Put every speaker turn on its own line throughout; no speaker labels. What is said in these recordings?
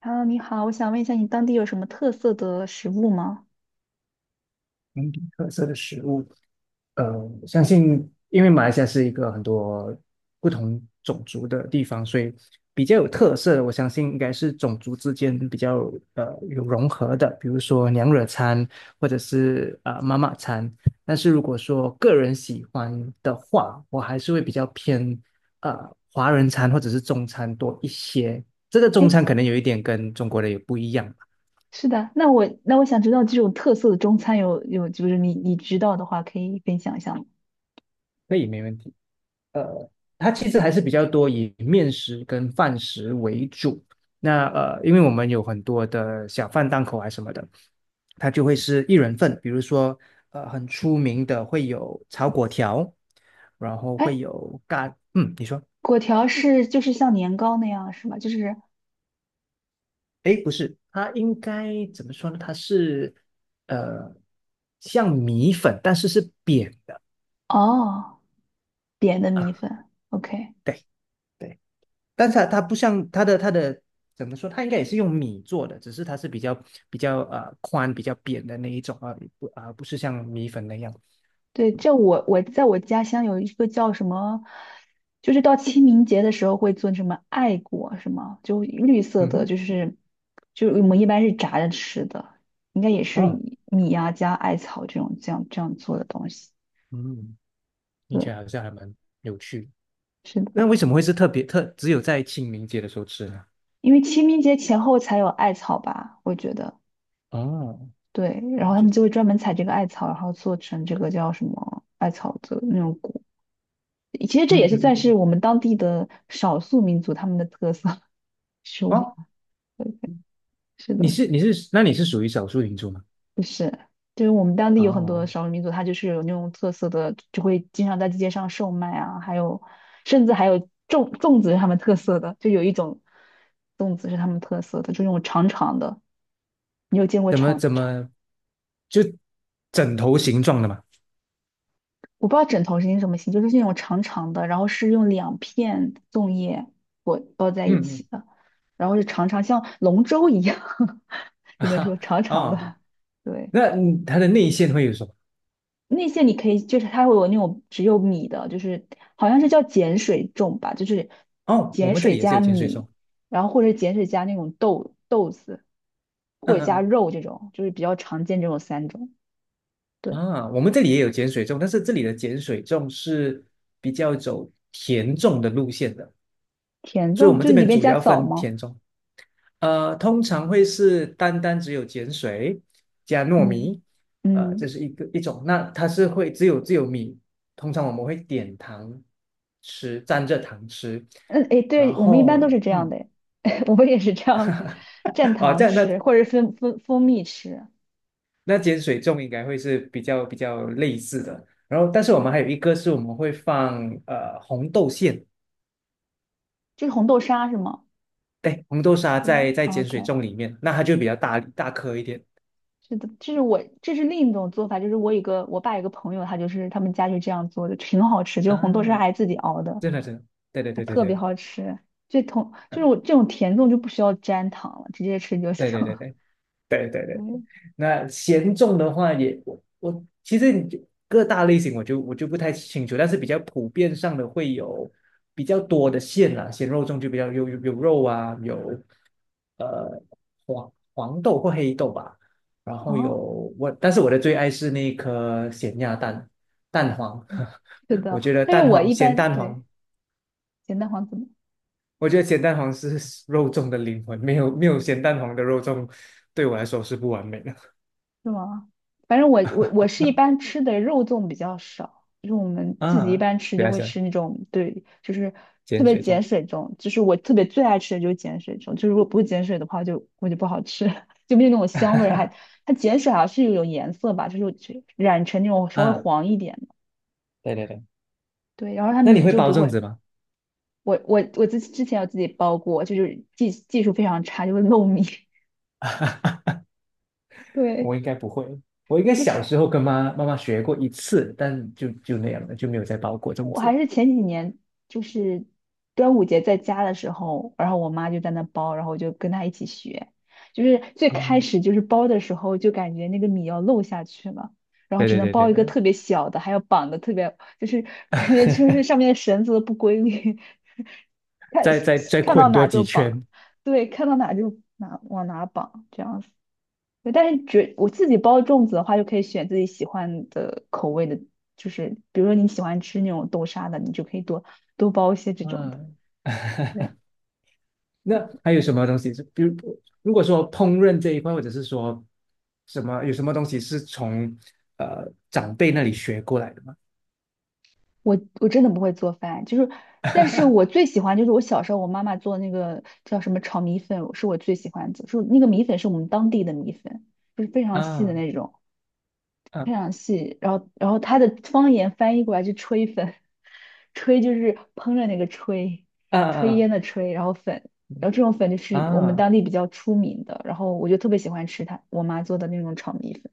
h e 你好，我想问一下，你当地有什么特色的食物吗？
本地特色的食物，呃，我相信因为马来西亚是一个很多不同种族的地方，所以比较有特色的，我相信应该是种族之间比较有融合的，比如说娘惹餐或者是妈妈餐。但是如果说个人喜欢的话，我还是会比较偏呃华人餐或者是中餐多一些。这个中
哎，
餐可能有一点跟中国的也不一样，
是的，那我想知道这种特色的中餐有，就是你知道的话，可以分享一下吗？
可以没问题。呃，它其实还是比较多以面食跟饭食为主。那因为我们有很多的小贩档口啊什么的，它就会是一人份。比如说，很出名的会有炒粿条，然后会
哎，
有咖，嗯，你说，
果条是就是像年糕那样是吗？就是
诶，不是，它应该怎么说呢？它是呃，像米粉，但是是扁的
哦，扁的
啊，
米粉，OK，
对。对，但是它不像它的怎么说，它应该也是用米做的，只是它是比较比较宽、比较扁的那一种啊，不啊、不是像米粉那样。
对，这我在我家乡有一个叫什么，就是到清明节的时候会做什么艾果什么，就绿色
嗯
的，
哼，
就是就我们一般是炸着吃的，应该也是
哦，
以米呀、加艾草这种这样这样做的东西。
嗯，听起来
对，
好像还蛮有趣。
是的，
那为什么会是特别只有在清明节的时候吃呢？
因为清明节前后才有艾草吧，我觉得。
哦，
对，
哦
然后他
就
们就会专门采这个艾草，然后做成这个叫什么艾草的那种果。其实这也
嗯
是
嗯嗯
算是
嗯，
我们当地的少数民族他们的特色食物。
哦，
是
你
的，
是你是那你是属于少数民族吗？
不是，就是我们当地有很多
哦，
少数民族，它就是有那种特色的，就会经常在街上售卖啊，还有甚至还有粽子是他们特色的，就有一种粽子是他们特色的，就那种长长的，你有见过
怎么
长
怎
长？
么就枕头形状的嘛？
我不知道枕头是那什么形，就是那种长长的，然后是用两片粽叶裹包在一
嗯嗯
起的，然后是长长像龙舟一样，只能说
啊
长长
哦，
的，对。
那嗯它的内馅会有什么？
那些你可以，就是它会有那种只有米的，就是好像是叫碱水粽吧，就是
哦，我
碱
们这
水
里也是
加
有碱水粽，
米，然后或者碱水加那种豆子，或
嗯
者加
嗯
肉这种，就是比较常见这种三种。
嗯，
对，
啊，我们这里也有碱水粽，但是这里的碱水粽是比较走甜粽的路线的，
甜
所以我
粽
们
就
这
是里
边
面
主
加
要
枣
分
吗？
甜粽，通常会是单单只有碱水加糯
嗯
米，这
嗯
是一个一种，那它是会只有米，通常我们会点糖吃，蘸着糖吃，
嗯，哎，
然
对，我们一般
后
都是这样
嗯，
的，哎 我们也是这样蘸
啊，
糖
这样那
吃，或者是蜂蜜吃。
那碱水粽应该会是比较类似的。然后，但是我们
对，
还有一个是我们会放红豆馅，
就是红豆沙是吗？
对，红豆沙
对
在碱水
，OK。
粽里面，那它就比较大大颗一点
是的，这是我，这是另一种做法，就是我有个我爸有个朋友，他就是他们家就这样做的，挺好吃，就是红豆沙
啊，
还自己熬的，
真的真的，对对
还
对对
特别
对，
好吃。这同就是
嗯，
我这种甜粽就不需要沾糖了，直接吃就
对
行。
对对对 对对对。
嗯，
那咸重的话也，我其实你就各大类型我就不太清楚，但是比较普遍上的会有比较多的馅啦，咸肉粽就比较有肉啊，有呃黄黄豆或黑豆吧，然后有
哦，
我，但是我的最爱是那颗咸鸭蛋蛋黄，
嗯是
我
的，
觉得
但是
蛋
我
黄
一
咸
般
蛋
对
黄，
咸蛋黄怎么？
我觉得咸蛋黄是肉粽的灵魂，没有咸蛋黄的肉粽对我来说是不完美的
是吗？反正我是一般吃的肉粽比较少，就是我们自己一
啊，
般吃
不
就
要
会
想。
吃那种，对，就是特
碱
别
水
碱
粽。
水粽，就是我特别最爱吃的就是碱水粽，就是如果不是碱水的话就，我就不好吃，就没有那种香味儿，还 它碱水好像是有种颜色吧，就是有染成那种稍微
啊，
黄一点的，
对对对，
对，然后它
那你
米
会
就
包
不
粽
会，
子吗？
我之前有自己包过，就是技术非常差，就会漏米，对，
我应该不会，我应该
就是。
小时候跟妈妈学过一次，但就那样了，就没有再包过粽
我还
子。
是前几年就是端午节在家的时候，然后我妈就在那包，然后我就跟她一起学。就是最开
嗯，
始就是包的时候，就感觉那个米要漏下去了，然后
对
只
对
能
对对
包一个
对，
特别小的，还要绑的特别，就是 感觉就是 上面的绳子都不规律，看
再
看到
捆多
哪
几
就绑，
圈。
对，看到哪就哪往哪绑这样子。对，但是觉我自己包粽子的话，就可以选自己喜欢的口味的，就是比如说你喜欢吃那种豆沙的，你就可以多包一些这种的。
嗯，
对，
那还有什么东西是，比如如果说烹饪这一块，或者是说什么有什么东西是从长辈那里学过来的吗？
我真的不会做饭，就是，但是我最喜欢就是我小时候我妈妈做那个叫什么炒米粉，是我最喜欢的，是那个米粉是我们当地的米粉，就是非常细的
啊
那种。非
啊
常细，然后它的方言翻译过来就"吹粉，吹就是烹饪那个吹，
啊
炊烟
啊
的炊，然后粉，然后这种粉就是我们
啊！
当地比较出名的，然后我就特别喜欢吃它，我妈做的那种炒米粉，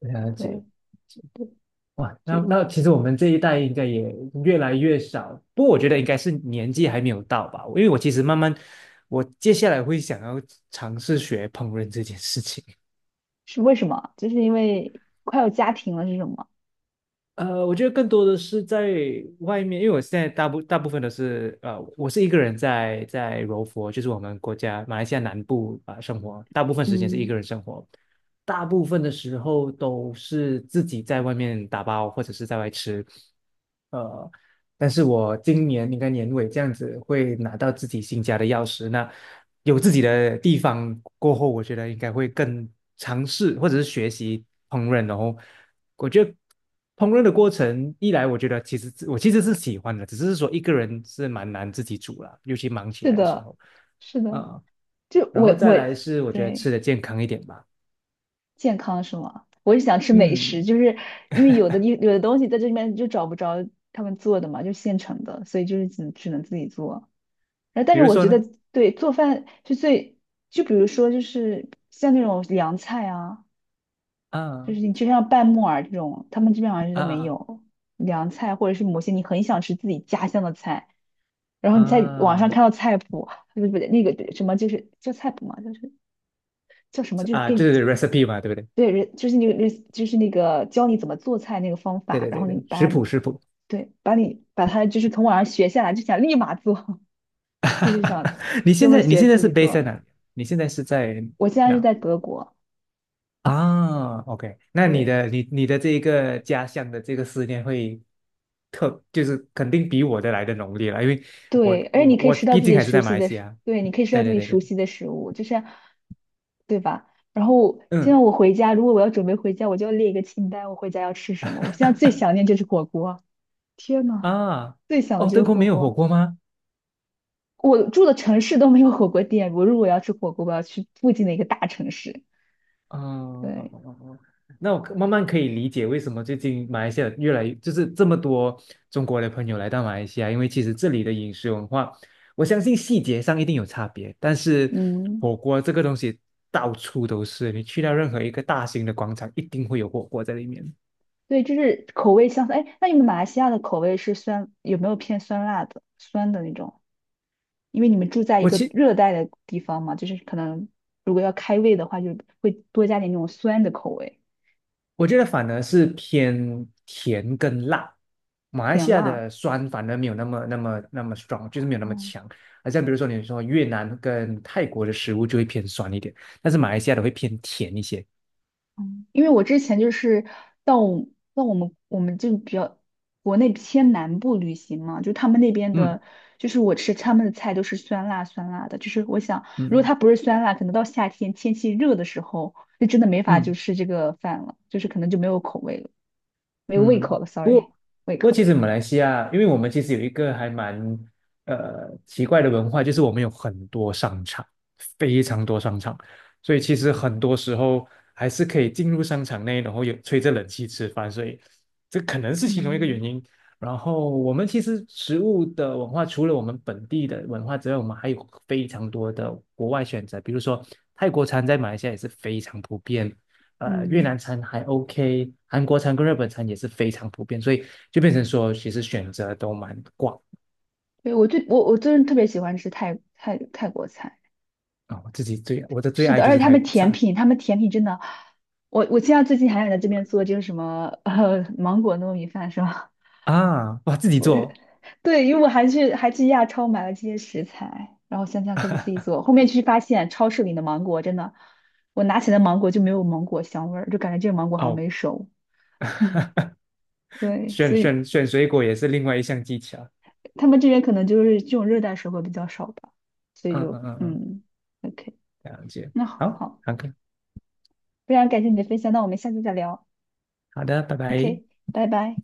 了解。
对对，
哇，那
就
那其实我们这一代应该也越来越少，不过我觉得应该是年纪还没有到吧，因为我其实慢慢，我接下来会想要尝试学烹饪这件事情。
是为什么啊就是因为快要家庭了，是什么？
我觉得更多的是在外面，因为我现在大部分都是我是一个人在柔佛，就是我们国家马来西亚南部啊、生活，大部分时间是一
嗯，
个人生活，大部分的时候都是自己在外面打包或者是在外吃。呃，但是我今年应该年尾这样子会拿到自己新家的钥匙，那有自己的地方过后，我觉得应该会更尝试或者是学习烹饪哦，然后我觉得烹饪的过程，一来我觉得其实是喜欢的，只是说一个人是蛮难自己煮啦，尤其忙起
是
来的时
的，
候
是的，
啊、
就
然后
我
再
我
来是我觉得吃
对。
的健康一点吧，
健康是吗？我是想吃美食，
嗯，
就是因为有的地有的东西在这里面就找不着他们做的嘛，就现成的，所以就是只能自己做。然后，但
比
是
如
我
说
觉得
呢，
对做饭是最，就比如说就是像那种凉菜啊，就
啊
是你就像拌木耳这种，他们这边好像是都
啊
没
啊
有凉菜，或者是某些你很想吃自己家乡的菜，然后你在网上
啊
看到菜谱，不是那个什么就是叫菜谱嘛，就是叫什么，就是
啊，
给
就
你。
是 recipe 嘛，对不对？
对，人就是那个，人就是那个教你怎么做菜那个方
对
法，
对
然
对
后你
对，食
把它
谱食谱。
对，把你把它就是从网上学下来，就想立马做，就是想
你
就
现
会
在你
学
现在
自己
是 base 在
做。
哪里？你现在是在
我现在是
哪
在德国，
啊？OK，那你
对
的你你的这一个家乡的这个思念会特，就是肯定比我的来的浓烈了，因为我
对，而且
我
你
们
可以
我
吃到
毕
自
竟
己
还是
熟
在马
悉
来
的
西
食，
亚。
对，你可以吃到
对
自
对
己
对对，
熟悉的食物，就是对吧？然后现在
嗯
我回家，如果我要准备回家，我就要列一个清单，我回家要吃什么。我现在最想念就是火锅，天呐，
啊，
最想的
哦，
就
德
是
国
火
没有火
锅。
锅吗？
我住的城市都没有火锅店，我如果要吃火锅，我要去附近的一个大城市。
嗯嗯
对，
嗯嗯嗯那我可慢慢可以理解为什么最近马来西亚越来越就是这么多中国的朋友来到马来西亚，因为其实这里的饮食文化，我相信细节上一定有差别，但是
嗯，
火锅这个东西到处都是，你去到任何一个大型的广场，一定会有火锅在里面。
对，就是口味相似。哎，那你们马来西亚的口味是酸，有没有偏酸辣的、酸的那种？因为你们住在一
我
个
其
热带的地方嘛，就是可能如果要开胃的话，就会多加点那种酸的口味，
我觉得反而是偏甜跟辣，马来西
点
亚
辣。
的酸反而没有那么 strong，就是没有那么
哦，
强。而像比如说你说越南跟泰国的食物就会偏酸一点，但是马来西亚的会偏甜一些。
因为我之前就是到我到我们就比较国内偏南部旅行嘛，就他们那边
嗯
的，就是我吃他们的菜都是酸辣酸辣的，就是我想如果
嗯
它不是酸辣，可能到夏天天气热的时候，就真的没法就
嗯。
吃这个饭了，就是可能就没有口味了，没有胃口
嗯，
了
不过
，sorry，胃
不过，
口。
其实马来西亚，因为我们其实有一个还蛮奇怪的文化，就是我们有很多商场，非常多商场，所以其实很多时候还是可以进入商场内，然后有吹着冷气吃饭，所以这可能是其中一个
嗯
原因。然后我们其实食物的文化，除了我们本地的文化之外，我们还有非常多的国外选择，比如说泰国餐在马来西亚也是非常普遍，越
嗯，
南餐还 OK，韩国餐跟日本餐也是非常普遍，所以就变成说其实选择都蛮广
对，我最我我真的特别喜欢吃泰国菜。
啊。我的最
是
爱
的，
就
而
是
且他
泰
们
国
甜
餐
品，他们甜品真的，我现在最近还想在这边做这个什么芒果糯米饭是吧？
啊，哇，自己
我就
做
对，因为我还去亚超买了这些食材，然后想想可不可以自己做。后面去发现超市里的芒果真的，我拿起来的芒果就没有芒果香味儿，就感觉这个芒果好像
哦，
没熟。嗯，对，
选
所以
选选水果也是另外一项技巧。
他们这边可能就是这种热带水果比较少吧，所以
嗯
就
嗯嗯嗯，
嗯，OK，
了解。
那好，
好，
好
好的，
非常感谢你的分享，那我们下次再聊
好的，拜拜。
，OK，拜拜。